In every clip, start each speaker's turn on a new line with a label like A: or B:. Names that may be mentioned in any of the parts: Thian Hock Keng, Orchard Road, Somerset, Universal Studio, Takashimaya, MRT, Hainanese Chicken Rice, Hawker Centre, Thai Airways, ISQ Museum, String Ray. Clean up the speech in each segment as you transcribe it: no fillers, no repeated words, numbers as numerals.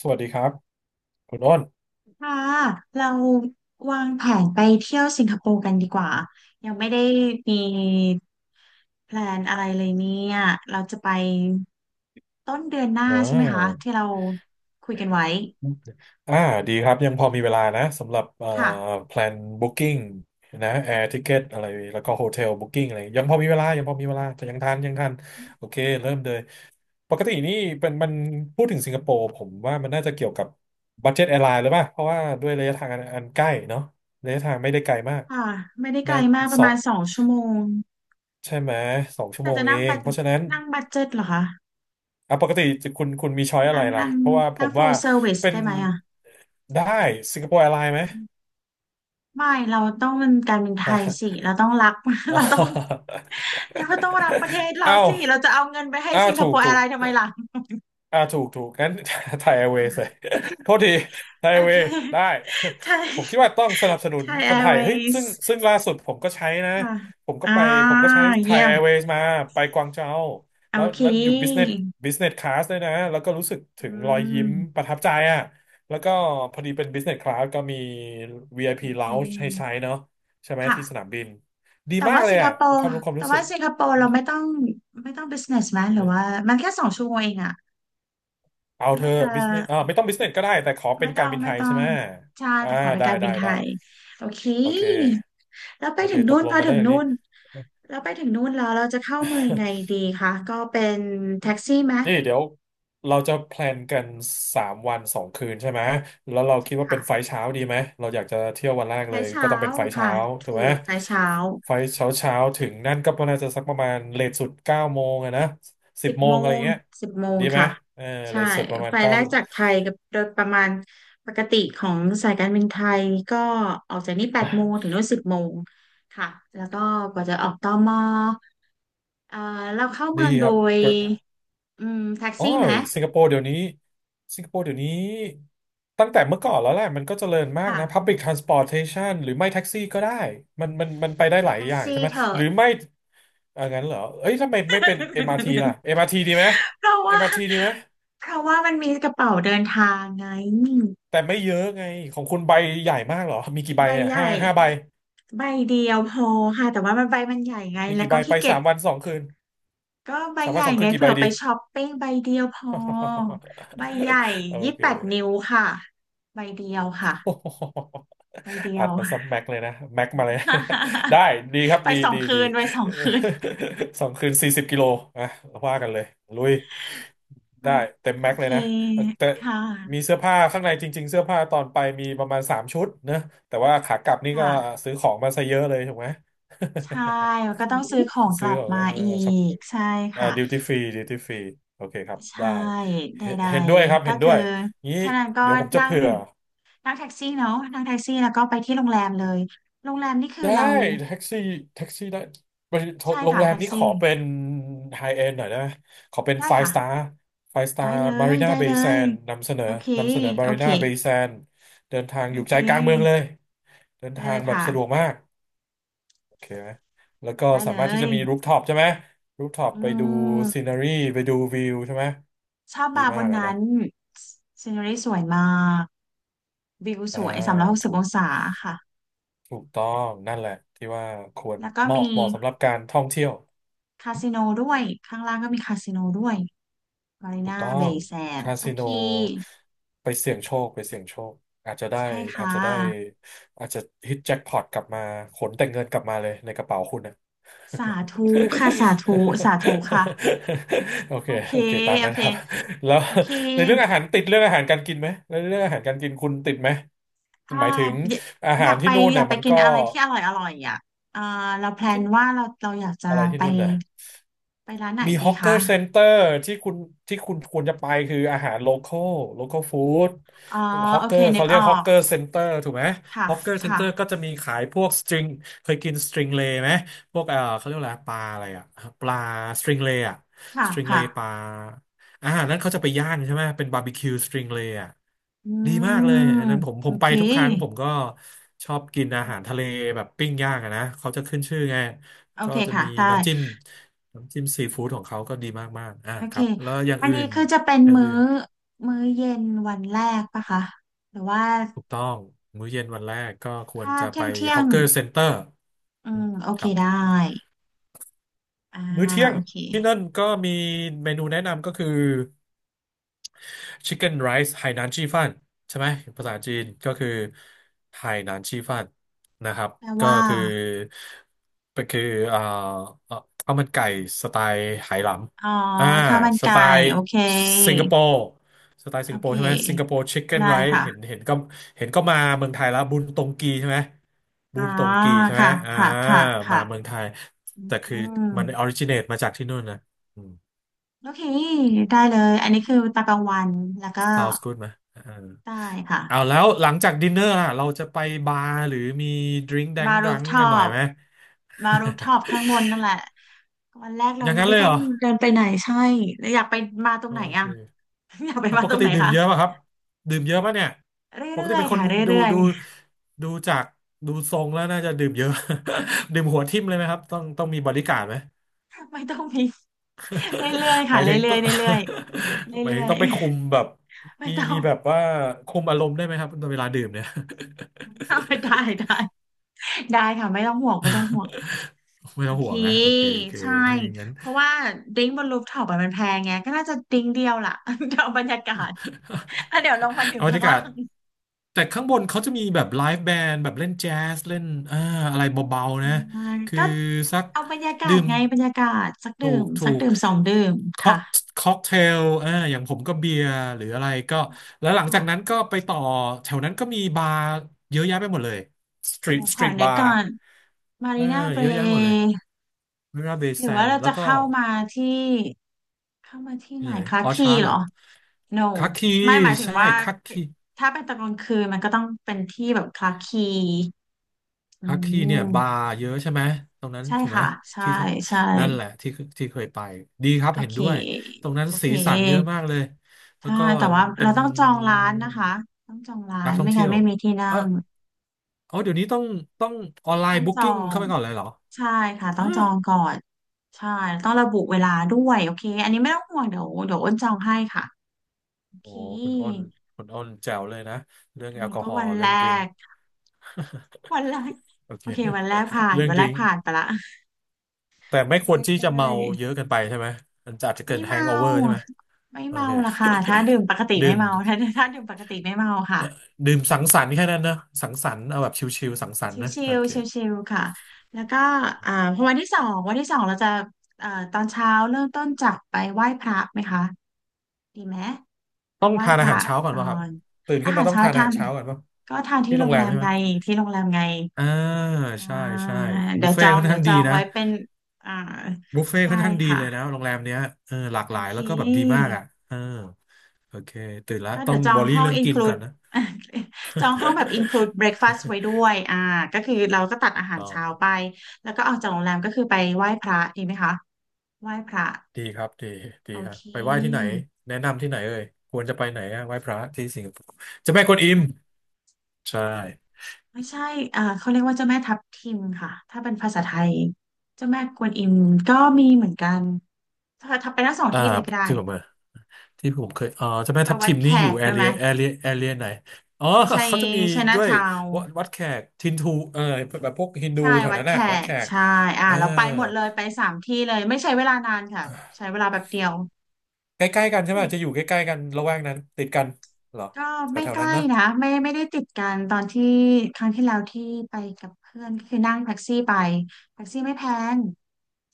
A: สวัสดีครับคุณอ้น
B: ค่ะเราวางแผนไปเที่ยวสิงคโปร์กันดีกว่ายังไม่ได้มีแพลนอะไรเลยเนี่ยเราจะไปต้นเดือนหน้า
A: อ่
B: ใช่ไหมคะ
A: า
B: ที่เราคุยกันไว้
A: อ่าดีครับยังพอมีเวลานะสำหรับ
B: ค่ะ
A: แพลนบุ๊คกิ้งนะแอร์ทิเกตอะไรแล้วก็โฮเทลบุ๊กิ้งอะไรยังพอมีเวลายังพอมีเวลาแต่ยังทันโอเคเริ่มเลยปกตินี่เป็นมันพูดถึงสิงคโปร์ผมว่ามันน่าจะเกี่ยวกับบั เจ็ตแอร์ไลน์หรือเปล่าเพราะว่าด้วยระยะทางอันใกล้เนาะระยะทางไม่ได้ไกลมาก
B: ค่ะไม่ได้ไกล
A: น่า
B: มากป
A: ส
B: ระ
A: อ
B: มา
A: ง
B: ณสองชั่วโมง
A: ใช่ไหมสองชั่ว
B: น่า
A: โมง
B: จะ
A: เอ
B: นั่ง
A: ง
B: บัด
A: เพราะฉะนั้น
B: นั่งบัดเจ็ตเหรอคะ
A: อ่ะปกติคุณมีช้อยอะไร
B: นั่ง
A: ล่ะ
B: นั่ง
A: เพราะว่าผ
B: นั่ง
A: มว่า
B: full service
A: เป็น
B: ได้ไหมอ่ะ
A: ได้สิงคโปร์แอร์ไลน์ไหม
B: ไม่เราต้องเป็นการเป็นไท
A: ฮะ
B: ยสิเราต้องรัก
A: อ
B: เราต้อง
A: อ
B: เราก็ต้องรักประเทศ เรา
A: เอ้าว
B: สิเราจะเอาเงินไปให้
A: อ้าว
B: สิงค
A: ถู
B: โป
A: ก
B: ร์แอ
A: ถู
B: ร์
A: ก
B: ไลน์ทำไมล่ะ
A: ถูกถูกงั้น ไทยแอร์เวย์เลย โทษทีไทย
B: โอ
A: แอร์เว
B: เค
A: ย์ได้
B: ไทย
A: ผมคิดว่าต้องสนับสนุ
B: ไท
A: น
B: ย
A: ค
B: แอ
A: นไท
B: ร์
A: ย
B: เว
A: เฮ้ย
B: ย
A: ซึ่ง
B: ์
A: ซึ่งล่าสุดผมก็ใช้นะ
B: ค่ะ
A: ผมก็
B: อ่า
A: ไปผมก็ใช้ไท
B: เยี่
A: ย
B: ย
A: แอ
B: ม
A: ร์เวย์มาไปกวางเจา
B: โอ
A: แล้ว
B: เค
A: แล้วอยู่บิสเนสคลาสด้วยนะแล้วก็รู้สึก
B: อื
A: ถึงรอยยิ้ม
B: ม
A: ประทับใจอ่ะแล้วก็พอดีเป็นบิสเนสคลาสก็มี
B: โอ
A: VIP
B: เค
A: lounge ให้ใช้เนาะใช่ไหม
B: ค่ะ
A: ที่สนามบินดี
B: แต่
A: มาก
B: ว่า
A: เล
B: สิ
A: ย
B: งค
A: อ่ะ
B: โปร์
A: ความ
B: แต่
A: รู้สึ
B: ว่า
A: ก
B: สิงคโปร์เราไม่ต้องbusiness ไหมหรือว่ามันแค่สองชั่วโมงเองอะ
A: เอาเธ
B: น่า
A: อ
B: จะ
A: บิสเนสไม่ต้องบิสเนสก็ได้แต่ขอเป็
B: ไม่
A: น
B: ต้
A: กา
B: อ
A: ร
B: ง
A: บินไท
B: ไม่
A: ย
B: ต้อ
A: ใช่
B: ง
A: ไหม
B: ใช่
A: อ่า
B: แต่ขอเป็น
A: ได้
B: การบิ
A: ได้
B: นไท
A: ได้
B: ยโอเค
A: โอเค
B: แล้วไป
A: โอเค
B: ถึง
A: ต
B: นู่
A: ก
B: น
A: ล
B: พ
A: ง
B: อ
A: กัน
B: ถึ
A: ได้
B: ง
A: อย่างนี้
B: นู่นแล้วไปถึงนู่นแล้วเราจะเข้าเมืองยังไงดีคะก็เป็นแท็กซี่ไหม
A: นี่เดี๋ยวเราจะแพลนกันสามวันสองคืนใช่ไหมแล้วเรา
B: ใช่
A: คิดว่าเป็
B: ค่ะ
A: นไฟล์เช้าดีไหมเราอยากจะเที่ยววันแรกเล
B: สาย
A: ยก็
B: เช้า
A: ต้องเป็นไฟล์เช้า
B: ค่ะ
A: ถู
B: ถู
A: กไหม
B: กสายเช้า
A: ไฟล์เช้าเช้าถึงนั่นก็น่าจะสักประมาณเลทสุด9 โมงอะนะสิ
B: สิ
A: บ
B: บ
A: โม
B: โม
A: งอะไร
B: ง
A: เงี้ย
B: สิบโมง
A: ดีไหม
B: ค่ะ
A: เออเล
B: ใช่
A: ทสุดประมา
B: ไฟ
A: ณ
B: ล์
A: เก้า
B: แรกจากไทยกับโดยประมาณปกติของสายการบินไทยก็ออกจากนี่8 โมงถึงนู่นสิบโมงค่ะแล้วก็กว่าจะออกตมเอ่อเราเข้า
A: ดี
B: เมืองโด
A: ครับ
B: ยแท็ก
A: โอ้
B: ซี่ไหม
A: ยสิงคโปร์เดี๋ยวนี้สิงคโปร์เดี๋ยวนี้ตั้งแต่เมื่อก่อนแล้วแหละมันก็เจริญมากนะ
B: ค่ะ
A: Public Transportation หรือไม่แท็กซี่ก็ได้มันไปได้หลาย
B: แท็ก
A: อย่างใช่
B: ซี่
A: ไหม
B: เถ
A: ห
B: อะ
A: รือไม่อ่างั้นเหรอเอ้ยทำไมไม่เป็น MRT ล่ะ MRT ดีไหม
B: เพราะว่า
A: MRT ดีไหม
B: เพราะว่ามันมีกระเป๋าเดินทางไง
A: แต่ไม่เยอะไงของคุณใบใหญ่มากเหรอมีกี่ใบ
B: ใบ
A: เนี่ย
B: ให
A: ห้า
B: ญ่
A: ห้าใบ
B: ใบเดียวพอค่ะแต่ว่ามันใบมันใหญ่ไง
A: มี
B: แล้ว
A: กี่ใบ
B: ก็
A: ไป
B: ขี้เกียจ
A: สามวันสองคืน
B: ก็ใบ
A: สาม
B: ให
A: วัน
B: ญ่
A: สองคื
B: ไง
A: นกี่ใบ
B: เผื่อไป
A: ดี
B: ช้อปปิ้งใบเดียวพอใบใหญ่
A: โอ
B: ยี่สิบ
A: เค
B: แปดนิ้วค่ะใบเดียวค่ะใบเดี ย
A: อัด
B: ว
A: มาซับแม็กเลยนะแม็กมาเลย นะได้ ดีครับ
B: ไป
A: ดี
B: สอง
A: ดี
B: คื
A: ดี
B: นไป2 คืน
A: สองคืน40 กิโลอ่ะว่ากันเลยลุยได้
B: มาก
A: เต็ม
B: โอ
A: แม็กเล
B: เค
A: ยนะแต่
B: ค่
A: มี
B: ะ
A: เสื้อผ้าข้างในจริงๆเสื้อผ้าตอนไปมีประมาณสามชุดเนอะแต่ว่าขากลับนี่
B: ค
A: ก็
B: ่ะ
A: ซื้อของมาซะเยอะเลยถูกไหม
B: ใช่แล้วก็ต้องซื้อของก
A: ซื้
B: ลั
A: อ
B: บ
A: ของ
B: มา
A: เออ
B: อี
A: ช็อป
B: กใช่ค่ะ
A: ดิวตี้ฟรีดิวตี้ฟรีโอเคครับ
B: ใช่
A: ได้
B: ใด
A: เห็นด้วยครับ
B: ๆก็
A: เห็นด้
B: คื
A: ว
B: อ
A: ยงี้
B: เท่านั้นก็
A: เดี๋ยวผมจะ
B: นั่ง
A: เผื่อ
B: นั่งแท็กซี่เนาะนั่งแท็กซี่แล้วก็ไปที่โรงแรมเลยโรงแรมนี่คือ
A: ได้
B: เรา
A: แท็กซี่แท็กซี่ได้บริษัท
B: ใช่
A: โรง
B: ค่ะ
A: แรม
B: แท็ก
A: นี้ข
B: ซี่
A: อเป็นไฮเอนด์หน่อยนะขอเป็น
B: ได้
A: ไฟ
B: ค่ะ
A: สตาร์ไฟสตา
B: ได้
A: ร์
B: เล
A: มา
B: ย
A: รีนา
B: ได้
A: เบ
B: เล
A: ย์แซ
B: ย
A: นนำเสนอ
B: โอเค
A: นำเสนอมา
B: โอ
A: รี
B: เค
A: นาเบย์แซนเดินทาง
B: โอ
A: อยู่
B: เค
A: ใจกลางเมืองเลยเดิน
B: ได้
A: ทา
B: เล
A: ง
B: ย
A: แบบ
B: ค่ะ
A: สะดวกมากโอเคไหมแล้วก็
B: ได้
A: สา
B: เล
A: มารถที่
B: ย
A: จะมีรูฟท็อปใช่ไหมรูฟท็อป
B: อื
A: ไปดูซี
B: ม
A: นารีไปดูวิวใช่ไหม
B: ชอบ
A: ดี
B: บาร์บ
A: มาก
B: น
A: นะนะ
B: นั้นซีน e รีสวยมากวิวส
A: อ่า
B: วยสามร้อยหกสิบ
A: ถู
B: อ
A: ก
B: งศาค่ะ
A: ถูกต้องนั่นแหละที่ว่าควร
B: แล้วก็มี
A: เหมาะสำหรับการท่องเที่ยว
B: คาสิโนด้วยข้างล่างก็มีคาสิโนด้วย มาริ
A: ถูก
B: นา
A: ต้อ
B: เบ
A: ง
B: ย์แซน
A: คา
B: โอ
A: สิโน
B: เค
A: ไปเสี่ยงโชคไปเสี่ยงโชคอาจจะได้
B: ใช่
A: อาจ
B: ค่ะ
A: จะได้อาจจะฮิตแจ็คพอตกลับมาขนแต่เงินกลับมาเลยในกระเป๋าคุณนะ
B: สาธุค่ะสาธุสาธุค่ะ
A: โอเค
B: โอเค
A: โอเคตาม
B: โอ
A: นั้น
B: เค
A: ครับแล้ว
B: โอเค
A: ในเรื่องอาหารติดเรื่องอาหารการกินไหมแล้วเรื่องอาหารการกินคุณติดไหม
B: ถ้า
A: หมายถึง
B: อย
A: อา
B: อ
A: หา
B: ยา
A: ร
B: กไป
A: ที่นู่น
B: อยา
A: เนี่ย
B: กไป
A: มัน
B: กิน
A: ก็
B: อะไรที่อร่อยอร่อยอ่ะเออเราแพลน
A: ที่
B: ว่าเราอยากจะ
A: อะไรที่
B: ไป
A: นู่นน่ะ
B: ไปร้านไหน
A: มีฮ
B: ดี
A: อกเกอ
B: คะ
A: ร์เซ็นเตอร์ที่คุณที่คุณควรจะไปคืออาหารโลคอลฟู้ด
B: อ๋อ
A: ฮอก
B: โอ
A: เกอ
B: เค
A: ร์
B: นึก
A: เขาเรี
B: อ
A: ยก
B: อ
A: ฮอก
B: ก
A: เกอร์เซ็นเตอร์ถูกไหม
B: ค่ะ
A: ฮอกเกอร์เซ็นเต
B: ค่ะ
A: อร์ก็จะมีขายพวกสตริงเคยกินสตริงเลย์ไหมพวกเขาเรียกอะไรปลาอะไรอะปลาสตริงเลย์อะ
B: ค่ะ
A: สตริงเล
B: ค่ะ
A: ย์ปลาอาหารนั้นเขาจะไปย่างใช่ไหมเป็นบาร์บีคิวสตริงเลย์อะ
B: อื
A: ดีมากเลย
B: ม
A: อันนั้นผมผ
B: โอ
A: มไป
B: เค
A: ทุกครั้งผมก็ชอบกินอาหารทะเลแบบปิ้งย่างอะนะเขาจะขึ้นชื่อไง
B: โอ
A: ก็
B: เค
A: จะ
B: ค่ะ
A: มี
B: ได้
A: น้ำจิ้มน้ำจิ้มซีฟู้ดของเขาก็ดีมากๆอ่า
B: โอ
A: ค
B: เค
A: รับแล้วอย่าง
B: อัน
A: อื่
B: นี้
A: น
B: คือจะเป็น
A: อย่างอื่น
B: มื้อเย็นวันแรกปะคะหรือว่า
A: ถูกต้องมื้อเย็นวันแรกก็ควร
B: ถ้า
A: จะไป
B: เที่ยงเที่ย
A: ฮอ
B: ง
A: กเกอร์เซ็นเตอร์
B: อืมโอเค
A: ครั
B: ได้
A: บ
B: อ่า
A: มื้อเที่ยง
B: โอเค
A: ที่นั่นก็มีเมนูแนะนำก็คือ Chicken Rice ไหหนานชี่ฟั่นใช่ไหมภาษาจีนก็คือไหหนานชี่ฟั่นนะครับ
B: แปล
A: ก็
B: ว่า
A: คือก็คือเอ่อข้าวมันไก่สไตล์ไหหล
B: อ๋อ
A: ำอ่า
B: ข้าวมัน
A: ส
B: ไก่
A: ไตล์
B: โอเค
A: สิงคโปร์สไตล์สิ
B: โอ
A: งคโป
B: เค
A: ร์ใช่ไหมสิงคโปร์ชิคเก้น
B: ได้
A: ไรซ์
B: ค่ะ
A: เห็นก็มาเมืองไทยแล้วบุญตงกีใช่ไหม
B: อ๋
A: บุ
B: อ
A: ญตงกีใช่ไหม
B: ค่ะ
A: อ่า
B: ค่ะค่ะ
A: มา
B: ค่ะ
A: เมืองไทยแต่คื
B: อื
A: อ
B: ม
A: มันออริจิเนตมาจากที่นู่นนะอืม
B: โอเคได้เลยอันนี้คือตากลางวันแล้วก็
A: sounds good ไหมเออ
B: ได้ค่ะ
A: เอาแล้วหลังจากดินเนอร์ล่ะเราจะไปบาร์หรือมีดริง k ์แด
B: มา
A: ง
B: รู
A: ดั
B: ฟ
A: ง
B: ท็อ
A: กันหน่อย
B: ป
A: ไหม
B: มารูฟท็อปข้างบน นั่นแหละวันแรก
A: อ
B: เรา
A: ย่างนั้น
B: ไม่
A: เลย
B: ต้อ
A: เห
B: ง
A: รอ
B: เดินไปไหนใช่แล้วอยากไปมาตรง
A: โอ
B: ไหน
A: เค
B: อ่ะ อยากไป
A: แล้ว
B: มา
A: ป
B: ต
A: ก
B: รง
A: ติ
B: ไหน
A: ดื่ม
B: คะ
A: เยอะป่ะครับ ดื่มเยอะป่ะเนี่ย
B: เร
A: ปก
B: ื่
A: ติ
B: อย
A: เป็น
B: ๆ
A: คน
B: ค่ะ
A: ดู
B: เรื่อย
A: ดูดูจากดูทรงแล้วน่าจะดื่มเยอะ ดื่มหัวทิ่มเลยไหมครับ ต้องมีบอดี้การ์ดไหม
B: ไม่ต้องมีเรื่อยๆ
A: ห
B: ค่ะ
A: มายถึง
B: เรื่
A: ตั
B: อ
A: ว
B: ยๆเรื่อยๆ
A: หมาย
B: เรื่
A: ถึง
B: อย
A: ต้องไปคุมแบบ
B: ๆ ไม่
A: มี
B: ต้อ
A: มี
B: ง
A: แบบว่าคุมอารมณ์ได้ไหมครับตอนเวลาดื่มเนี่ย
B: เอาได้ได้ได้ค่ะไม่ต้องห่วงไม่ต้องห่วง
A: ไม่
B: โอ
A: ต้อง
B: เค
A: ห่วงนะโอเคโอเค
B: ใช่
A: ถ้าอย่างนั้น
B: เพราะว่าดริ้งก์บนรูฟท็อปอมันแพงไงก็น่าจะดริ้งก์เดียวล่ะ เดี๋ยวเอาบรรยากาศแล้วเดี๋ยวลงมา ดื่ม
A: เอาบรร
B: ข้าง
A: ยากา
B: ล่า
A: ศ
B: ง
A: แต่ข้างบนเขาจะมีแบบไลฟ์แบนด์แบบเล่นแจ๊สเล่นอ่าอะไรเบาๆนะ
B: อา
A: คือ
B: ก็
A: สัก
B: เอาบรรยากา
A: ดื่
B: ศ
A: ม
B: ไงบรรยากาศสัก
A: ถู
B: ดื่
A: ก
B: ม
A: ถู
B: สัก
A: ก
B: ดื่มสองดื่ม
A: ค็อ
B: ค่ะ
A: กค็อกเทลอย่างผมก็เบียร์หรืออะไรก็แล้วหลังจากนั้น
B: ค่ะ
A: ก็ไปต่อแถวนั้นก็มีบาร์เยอะแยะไปหมดเลย
B: เดี๋ยว
A: ส
B: ข
A: ต
B: อ
A: รีท
B: นึ
A: บา
B: ก
A: ร์
B: ก่อนมา
A: เอ
B: รี
A: อ
B: นาเบ
A: เยอะแยะหมดเลย
B: ร
A: มิราเบ
B: หรือ
A: ซั
B: ว่า
A: น
B: เรา
A: แล้ว
B: จะ
A: ก็
B: เข้ามาที่เข้ามาที่ไห
A: ที่
B: น
A: ไหน
B: คลา
A: ออ
B: คี
A: ชาร์ด
B: เห
A: เห
B: ร
A: ร
B: อ
A: อ
B: no
A: คักคี
B: ไม่หมายถึง
A: ใช่
B: ว่า
A: คักคี
B: ถ้าเป็นตอนกลางคืนมันก็ต้องเป็นที่แบบคลาคีอื
A: ฮักที่เนี่ยบา
B: ม
A: ร์เยอะใช่ไหมตรงนั้น
B: ใช่
A: ถูกไหม
B: ค่ะใช่
A: ที่ท่อ
B: ใช่
A: นั่นแหละที่เคยไปดีครับ
B: โอ
A: เห็น
B: เค
A: ด้วยตรงนั้น
B: โอเค
A: สีสันเยอะมากเลยแล้ว
B: ใช่
A: ก็
B: แต่ว่า
A: เป็
B: เรา
A: น
B: ต้องจองร้านนะคะต้องจองร้า
A: นั
B: น
A: กท่อ
B: ไม่
A: ง
B: งั้
A: เที่ย
B: น
A: ว
B: ไม่มีที่นั่
A: เออ
B: ง
A: อ๋อเดี๋ยวนี้ต้องออนไล
B: ต้อ
A: น์
B: ง
A: บุ๊
B: จอ
A: กิ้ง
B: ง
A: เข้าไปก่อนเลยเหรอ
B: ใช่ค่ะต้อง
A: ฮะ
B: จองก่อนใช่ต้องระบุเวลาด้วยโอเคอันนี้ไม่ต้องห่วงเดี๋ยวอ้นจองให้ค่ะโอ
A: โอ้
B: เค
A: คุณอ้นคุณอ้นแจ๋วเลยนะเรื่อง
B: อัน
A: แอล
B: นี้
A: กอ
B: ก็
A: ฮอ
B: วั
A: ล์
B: น
A: เรื่
B: แร
A: องดริง
B: กวันแรก
A: โอ
B: โอ
A: เค
B: เควันแรกผ่าน
A: เรื่อง
B: วัน
A: ด
B: แร
A: ริ
B: ก
A: ง
B: ผ่านไปละ
A: แต่ไม่ควร
B: ได้
A: ที่
B: ได้
A: จะเมาเยอะเกินไปใช่ไหมมันจะอาจจะเกิ
B: ไม่
A: ดแฮง
B: เมา
A: โอเวอร์ใช่ไหม
B: ไม่
A: โอ
B: เมา
A: เค
B: ล่ะค่ะถ้าดื่มปกติ ไม่
A: ดื่ม
B: เมาถ้าดื่มปกติไม่เมาค่ะ
A: ดื่มสังสรรค์แค่นั้นนะสังสรรค์เอาแบบชิลๆสังสรร
B: ชิ
A: ค์นะโอ
B: ล
A: เค
B: ๆชิลๆค่ะแล้วก็พอวันที่สองเราจะตอนเช้าเริ่มต้นจากไปไหว้พระไหมคะดีไหมไป
A: ต้อง
B: ไหว้
A: ทาน
B: พ
A: อา
B: ระ
A: หารเช้าก่อน
B: ก่อ
A: ป่ะครับ
B: น
A: ตื่น
B: อา
A: ขึ้น
B: หา
A: มา
B: ร
A: ต้อง
B: เช้า
A: ทานอา
B: ทา
A: หาร
B: น
A: เช้าก่อนป่ะ
B: ก็ทานที่
A: ที่โร
B: โร
A: ง
B: ง
A: แร
B: แร
A: ม
B: ม
A: ใช่ไหม
B: ไงที่โรงแรมไง
A: อ่า
B: อ่า
A: ใช่ใช่
B: เดี๋
A: บุ
B: ย
A: ฟ
B: วจ
A: เฟ่
B: อ
A: ต์
B: ง
A: ค่อน
B: เดี๋ย
A: ข้า
B: ว
A: ง
B: จ
A: ดี
B: อง
A: นะ
B: ไว้เป็นอ่า
A: บุฟเฟ่ต์
B: ใช่
A: ค่อนข้างดี
B: ค่ะ
A: เลยนะโรงแรมเนี้ยเออหลาก
B: โอ
A: หลาย
B: เค
A: แล้วก็แบบดีมากอ่ะเออโอเคตื่นแล้ว
B: ก็
A: ต้
B: เดี๋
A: อ
B: ย
A: ง
B: วจอ
A: วอ
B: ง
A: รี่
B: ห้อง
A: เรื่องกินก่อ
B: include
A: นนะ
B: จองห้องแบบ include breakfast ไว้ด้ว ยอ่าก็คือเราก็ตัด
A: ถู
B: อา
A: ก
B: หาร
A: ต้อง
B: เช้าไป แล้วก็ออกจากโรงแรมก็คือไปไหว้พระดีไหมคะไหว้พระ
A: ดีดี
B: โอ
A: ครับ
B: เค
A: ไปไหว้ที่ไหนแนะนำที่ไหนเอ่ยควรจะไปไหนอะไหว้พระที่สิงคโปร์เจะแม่กวนอิมใช่
B: ไม่ใช่เขาเรียกว่าเจ้าแม่ทับทิมค่ะ ถ้าเป็นภาษาไทยเจ้าแม่กวนอิมก็มีเหมือนกัน ถ้าไปทั้งสอง
A: อ่า
B: ที่เลยก็ได้
A: ที่ผมเออ ที่ผมเคยเจ้าแม่
B: ไป
A: ทับ
B: วั
A: ทิ
B: ด
A: ม
B: แข
A: นี่อยู่
B: กด้วยไหม
A: แอเรียไหน อ๋อ
B: ใช่
A: เขาจะมี
B: ใช่นะ
A: ด้วย
B: ชาว
A: วัดแขกทินทูแบบพวกฮินดู
B: ใช่
A: แถว
B: วัด
A: นั้นแห
B: แข
A: ละ วัดแข
B: ก
A: ก
B: ใช่อ่า
A: เออ
B: เราไปหมดเลยไปสามที่เลยไม่ใช้เวลานานค่ะใช้เวลาแบบเดียว
A: ใกล้ๆกันใช่ไหม จะอยู่ใกล้ๆกันละแวกนั้นติดกันเหรอ
B: ก็ไม่
A: แถ
B: ใก
A: วๆนั้
B: ล้
A: นเนอะ
B: นะไม่ได้ติดกันตอนที่ครั้งที่แล้วที่ไปกับเพื่อนก็คือนั่งแท็กซี่ไปแท็กซี่ไม่แพง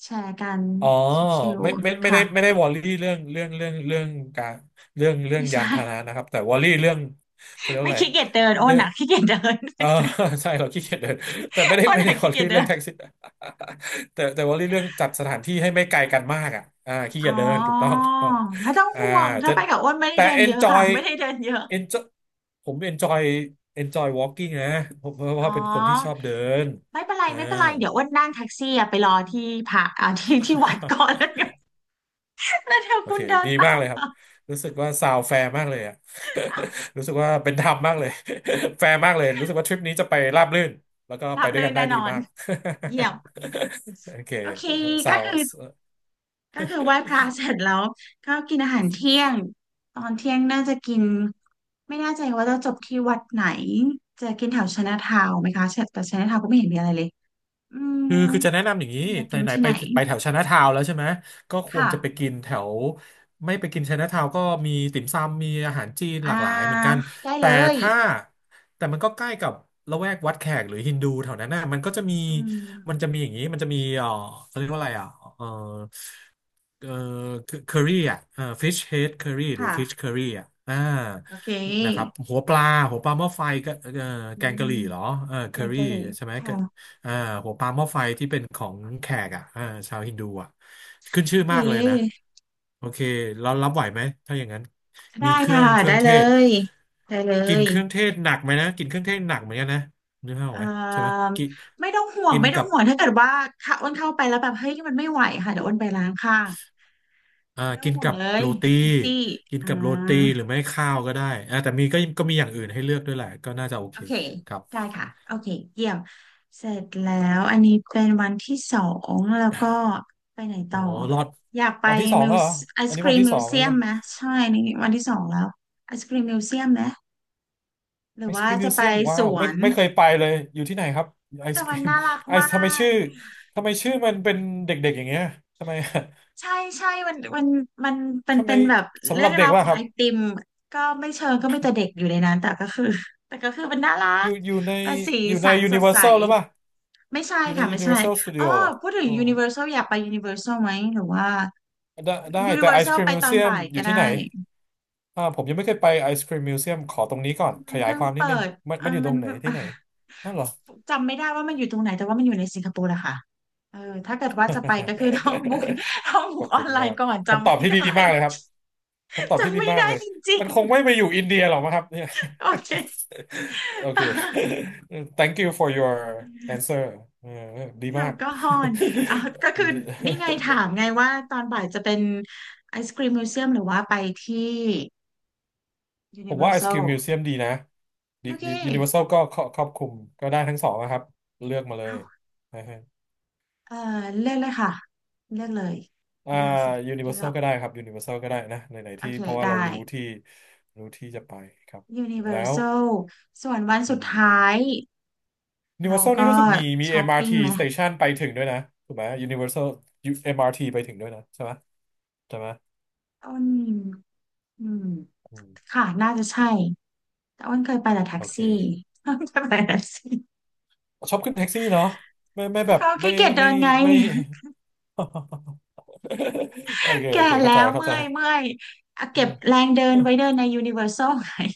B: แชร์กัน
A: อ๋อ
B: ชิว
A: ไม่ไม่
B: ๆ
A: ไม่ได้ไม่
B: ค่ะ
A: ได้วอรี่เรื่องเรื่องเรื่องเรื่องการเรื่อง เรื่อง
B: ไม่
A: ยา
B: ใช่
A: นพาหนะนะครับแต่วอรี่เรื่องเขาเรียก
B: ไม่
A: ว่าอะไร
B: ขี้เกียจเดินอ้น
A: เรื่อง
B: อ่ะขี้เกียจเดิน
A: เออ ใช่เราขี้เกียจเดินแต่ไม่ได้
B: อ้น
A: ไม่ได้
B: อ่ะ
A: วอ
B: ขี้เกีย
A: รี่
B: จเดิ
A: เรื่อง
B: น
A: แท็กซี่ แต่วอรี่เรื่องจัดสถานที่ให้ไม่ไกลกันมากอ่ะอ่าขี้เกี
B: อ๋
A: ยจเดินถูกต้อ
B: อ
A: งถูกต้อง
B: ไม่ต้อง
A: อ่า
B: ห่วงถ้า
A: จะ
B: ไปกับอ้นไม่ได้
A: แต่
B: เดินเยอะค่ะ ไม่ได้เดินเยอะ
A: enjoy ผม enjoy enjoy walking นะผมเพราะ
B: อ๋อ
A: ว่าเป็นคนที่ชอบเดิน
B: ไม่เป็นไร
A: อ่า
B: ไม่เป็นไรเดี๋ยวอ้วนนั่งแท็กซี่อะไปรอที่ผักที่วัดก่อน แล้วกัน แล้วเดี๋ยว
A: โอ
B: คุ
A: เค
B: ณเดิน
A: ดี
B: ตา
A: มาก
B: ม
A: เลยครับ
B: มา
A: รู้สึกว่าซาวแฟร์มากเลยอะ รู้สึกว่าเป็นธรรมมากเลย แฟร์มากเลย รู้สึกว่าทริปนี้จะไปราบรื่น แล้วก็
B: รั
A: ไป
B: บ
A: ด้ว
B: เล
A: ย
B: ย
A: กันได้
B: แน่น
A: ดี
B: อน
A: มาก
B: เยี่ยม
A: โอเค
B: โอเค
A: ซา
B: ก็
A: ว
B: คือก็คือไหว้พระเสร็จแล้วก็กินอาหารเที่ยงตอนเที่ยงน่าจะกินไม่แน่ใจว่าจะจบที่วัดไหนจะกินแถวชนะทาวน์ไหมคะแต่ชนะทาวน์ก็ไม่เห็นมีอะไรเลยอื
A: คื
B: ม
A: อคือจะแนะนำอย่างนี้
B: อยาก
A: ไหน
B: กิน
A: ไหน
B: ที่
A: ไป
B: ไหน
A: ไปแถวไชน่าทาวน์แล้วใช่ไหมก็ควร
B: ค่ะ
A: จะไปกินแถวไม่ไปกินไชน่าทาวน์ก็มีติ่มซำมีอาหารจีนห
B: อ่า
A: ลากหลายเหมือนกัน
B: ได้เล
A: แต่
B: ย
A: ถ้าแต่มันก็ใกล้กับละแวกวัดแขกหรือฮินดูแถวนั้นน่ะมันก็จะมี
B: อืม
A: มันจะมีเออเขาเรียกว่าอะไรอ่ะเออเออเคอรี่อ่ะเออฟิชเฮดเคอรี่หรือฟิช
B: ค่ะ
A: เคอรี่อ่ะอ่า
B: โอเ
A: นะครับ
B: ค
A: หัวปลาหม้อไฟก็เออ
B: อื
A: แกง
B: ม
A: กะหรี่เหรอเออ
B: แก
A: เคอ
B: ง
A: รี่
B: กะหรี่
A: ใช่ไหม
B: ค่ะ
A: อ่าหัวปลาหม้อไฟที่เป็นของแขกอ่ะอ่าชาวฮินดูอ่ะขึ้น
B: โอ
A: ชื่อ
B: เ
A: มากเลยนะ
B: ค
A: โอเคเรารับไหวไหมถ้าอย่างนั้น
B: ได้
A: มีเครื่อ
B: ค่ะ
A: งเครื่
B: ได้
A: องเท
B: เล
A: ศ
B: ยได้เล
A: กิน
B: ย
A: เครื่องเทศหนักไหมนะกินเครื่องเทศหนักเหมือนกันนะนึกภาพออ
B: เอ่
A: กไหมใช่ไหม
B: า
A: กิน
B: ไม่ต้องห่วง
A: กิน
B: ไม่ต้อ
A: กั
B: ง
A: บ
B: ห่วงถ้าเกิดว่าถ้าอ้วนเข้าไปแล้วแบบเฮ้ยมันไม่ไหวค่ะเดี๋ยวอ้วนไปล้างข้าง
A: อ่า
B: ไม่ต้อ
A: กิ
B: ง
A: น
B: ห่วง
A: กับ
B: เลย
A: โรตี
B: อีซี่
A: กิน
B: อ่า
A: กับโรตีหรือไม่ข้าวก็ได้อ่าแต่มีก็มีอย่างอื่นให้เลือกด้วยแหละก็น่าจะโอ
B: โอ
A: เค
B: เค
A: ครับ
B: ได้ค่ะโอเคเยี่ยมเสร็จแล้วอันนี้เป็นวันที่สองแล้วก็ไปไหน
A: โอ้
B: ต่อ
A: รอด
B: อยากไป
A: วันที่สอง
B: มิว
A: แล้วเหรอ
B: ไอ
A: อั
B: ศ
A: นนี้
B: กรี
A: วัน
B: ม
A: ที่
B: มิ
A: ส
B: ว
A: อง
B: เซี
A: แล้ว
B: ยม
A: นะ
B: ไหมใช่นี่วันที่สองแล้วไอศกรีมมิวเซียมไหมหรื
A: ไอ
B: อ
A: ศค
B: ว่า
A: รีมมิ
B: จะ
A: ว
B: ไป
A: เซียม
B: ส
A: ว้าว
B: ว
A: ไม่
B: น
A: ไม่เคยไปเลยอยู่ที่ไหนครับไอ
B: แต่
A: ศค
B: มั
A: รี
B: น
A: ม
B: น่ารัก
A: ไอ
B: มา
A: ซ์ ทำไม
B: ก
A: ชื่อทำไมชื่อมันเป็นเด็กๆอย่างเงี้ยทำไม
B: ใช่ใช่มันมันเป็ น
A: ทำไม
B: เป็นแบบ
A: สำห
B: เรื่อ
A: รับ
B: ง
A: เด็
B: รา
A: ก
B: ว
A: ว่
B: ของ
A: ครั
B: ไอ
A: บ
B: ติมก็ไม่เชิงก็ไม่แต่เด็กอยู่ในนั้นแต่ก็คือ แต่ก็คือมันน่ารั
A: อ
B: ก
A: ยู่อยู่ใน
B: เป็นสี
A: อยู่ใน
B: สันสดใส
A: Universal หรือเปล่า
B: ไม่ใช่
A: อยู่ใน
B: ค่ะไม่ใช่
A: Universal
B: อ๋อ
A: Studio เหรอ
B: พูดถึง
A: อ๋อ
B: ยูนิเวอร์แซลอยากไปยูนิเวอร์แซลไหมหรือว่า
A: ได้
B: ยูนิ
A: แต่
B: เวอ
A: ไอ
B: ร์แซ
A: ศค
B: ล
A: รีม
B: ไป
A: มิว
B: ตอน
A: เซียม
B: บ่าย
A: อ
B: ก็
A: ยู่ที่ไหน
B: ได้
A: ผมยังไม่เคยไปไอศครีมมิวเซียมขอตรงนี้ก่อนข
B: มัน
A: ยาย
B: เพิ่ง
A: ความนิด
B: เปิ
A: นึง
B: ด
A: มัน
B: อ่ะ
A: มันอยู่ต
B: มั
A: ร
B: น
A: งไหน ที่
B: อ่ะ
A: ไหนนั่นเหรอ
B: จำไม่ได้ว่ามันอยู่ตรงไหนแต่ว่ามันอยู่ในสิงคโปร์แหละค่ะเออถ้าเกิดว่าจะไปก็คือ ต้อง
A: ข
B: บุ๊ก
A: อบ
B: ออ
A: คุณ
B: นไล
A: มา
B: น์
A: ก
B: ก่อน
A: คำ
B: จำ
A: ตอบ
B: ไม่
A: ที่
B: ได้
A: ดีมากเลยครับ คำตอ บที่
B: จำ
A: ดี
B: ไม่
A: มาก
B: ได้
A: เลย
B: จริ
A: มัน
B: ง
A: คงไม่ไปอยู่อินเดียหรอกมั้งครับเนี่ย
B: โอเค
A: โอเค thank you for your answer เออดี
B: แอ
A: มา
B: ล
A: ก
B: กอฮอล์อ่ะก็คือนี่ไงถามไง ว่าตอนบ่ายจะเป็นไอศกรีมมิวเซียมหรือว่าไปที่
A: ผมว่า ISQ
B: Universal
A: Museum ดีนะดี
B: โอเค
A: ดี Universal ก็ครอบคลุมก็ได้ทั้งสองนะครับเลือกมาเล
B: อ้า
A: ย
B: ว
A: นะฮะ
B: เออเลือกเลยค่ะเลือกเลย
A: อ่า
B: เลือกสิเลือ
A: Universal
B: ก
A: ก็ได้ครับ Universal ก็ได้นะไหนๆ
B: โอ
A: ที่
B: เค
A: เพราะว่า
B: ได้
A: เรารู้ที่รู้ที่จะไปครับแล้ว
B: Universal ส่วนวัน
A: อื
B: สุด
A: ม
B: ท้ายเรา
A: Universal นี่
B: ก็
A: รู้สึกมี
B: ช้อปปิ้
A: MRT
B: งไหม
A: station ไปถึงด้วยนะถูกไหม Universal ยูเอ็มอาร MRT ไปถึงด้วยนะใช่ไหมใช่ไหม
B: อ้นอืม
A: อืม
B: ค่ะน่าจะใช่แต่อ้นเคยไปแต่แท็ก
A: โอเค
B: ซี่ เคยไปแต่แท็กซี่
A: ชอบขึ้นแท็กซี่เนาะไม่
B: ก็
A: แบบ
B: เขาขี้เกียจเดิ
A: ไม่
B: นไง
A: ไม่ โอเค
B: แก่
A: โอเค
B: แล้
A: เข้าใจ
B: ว
A: เข้า
B: เมื่
A: ใจ
B: อยเมื่อยอ่ะเก็บแร งเดินไว้เดินในยูนิเวอร์แซล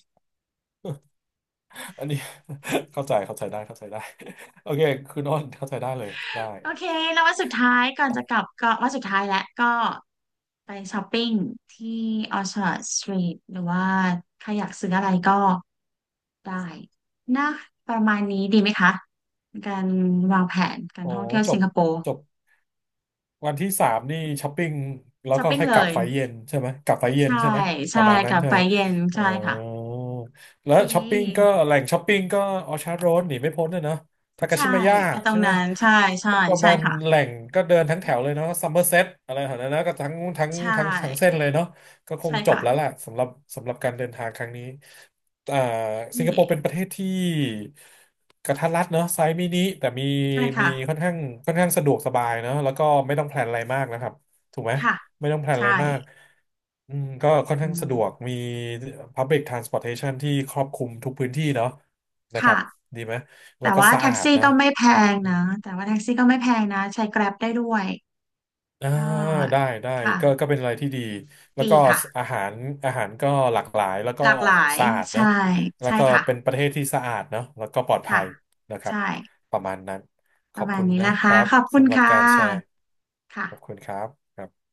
A: อันนี้ เข้าใจเข้าใจได้เข้าใจได้ โอเคคุณอ้นเข้าใจได้เลยได้
B: โอเคแล้ววันสุดท้ายก่อนจะกลับก็วันสุดท้ายแล้วก็ไปช้อปปิ้งที่ออชาร์ดสตรีทหรือว่าใครอยากซื้ออะไรก็ได้นะประมาณนี้ดีไหมคะการวางแผนการ
A: โอ้
B: ท่องเที่ยว
A: จ
B: สิ
A: บ
B: งคโปร์
A: จบ วันที่สามนี่ช้อปปิ้งแล้ว
B: ช้อป
A: ก็
B: ปิ้ง
A: ค่อย
B: เล
A: กลับ
B: ย
A: ไฟเย็นใช่ไหมกลับไฟเย็น
B: ใช่
A: ใช่ไหมป
B: ใช่
A: ระมาณ
B: ก
A: นั้น
B: ลับ
A: ใช่
B: ไป
A: ไหม
B: เย็น
A: เออ
B: ใช่ค่ะโอ
A: แล้
B: เ
A: วช้อปปิ้งก็
B: ค
A: แหล่งช้อปปิ้งก็ออชาร์ดโรดหนีไม่พ้นเลยเนาะทากา
B: ใช่
A: ชิมายะ
B: ไปตร
A: ใช่
B: ง
A: ไหม
B: นั้นใช่ใช่
A: ก็ประ
B: ใช่
A: มาณ
B: ค่ะ
A: แหล่งก็เดินทั้งแถวเลยเนาะซัมเมอร์เซ็ตอะไรแถวนั้นนะก็ทั้งทั้ง
B: ใช
A: ทั้งทั้งเส้น
B: ่
A: เลยเนาะก็คง
B: ใช่
A: จบ
B: ค่ะ
A: แล้วแหละสำหรับสำหรับการเดินทางครั้งนี้ อ่าสิงค
B: เย่
A: โปร์เป็นประเทศที่กระทัดรัดเนอะไซส์มินิแต่มี
B: ใช่
A: มี
B: ค่ะ
A: ค่อนข้างค่อนข้างสะดวกสบายเนอะแล้วก็ไม่ต้องแพลนอะไรมากนะครับถูกไหม
B: ค่ะ
A: ไม่ต้องแพลนอะไร
B: ใช่
A: มากอืมก็ค่อน
B: อื
A: ข้างสะดวก
B: ม
A: มี Public Transportation ที่ครอบคลุมทุกพื้นที่เนาะนะครับ
B: ค่ะ
A: ดีไหมแล้ว
B: แต่
A: ก็
B: ว่า
A: สะ
B: แท็
A: อา
B: ก
A: ด
B: ซี่
A: เนาะ
B: ก็ไม่แพงนะแต่ว่าแท็กซี่ก็ไม่แพงนะใช้ Grab ได้ด้วย
A: อ่า
B: ก็
A: ได้
B: ค่ะ
A: ก็เป็นอะไรที่ดีแล้ว
B: ดี
A: ก็
B: ค่ะ
A: อาหารอาหารก็หลากหลายแล้วก็
B: หลากหลาย
A: สะอาดเน
B: ใช่
A: อะแล้ว
B: ใช่
A: ก็
B: ค่ะ
A: เป็นประเทศที่สะอาดเนอะแล้วก็ปลอดภั
B: ค่ะ
A: ยนะครับ
B: ใช่
A: ประมาณนั้นข
B: ป
A: อ
B: ระ
A: บ
B: มา
A: คุ
B: ณ
A: ณ
B: นี้
A: นะ
B: ละ
A: ค
B: ค่ะ
A: รับ
B: ขอบคุณ
A: สำหรับ
B: ค่ะ
A: การแชร์
B: ค่ะ
A: ขอบคุณครับ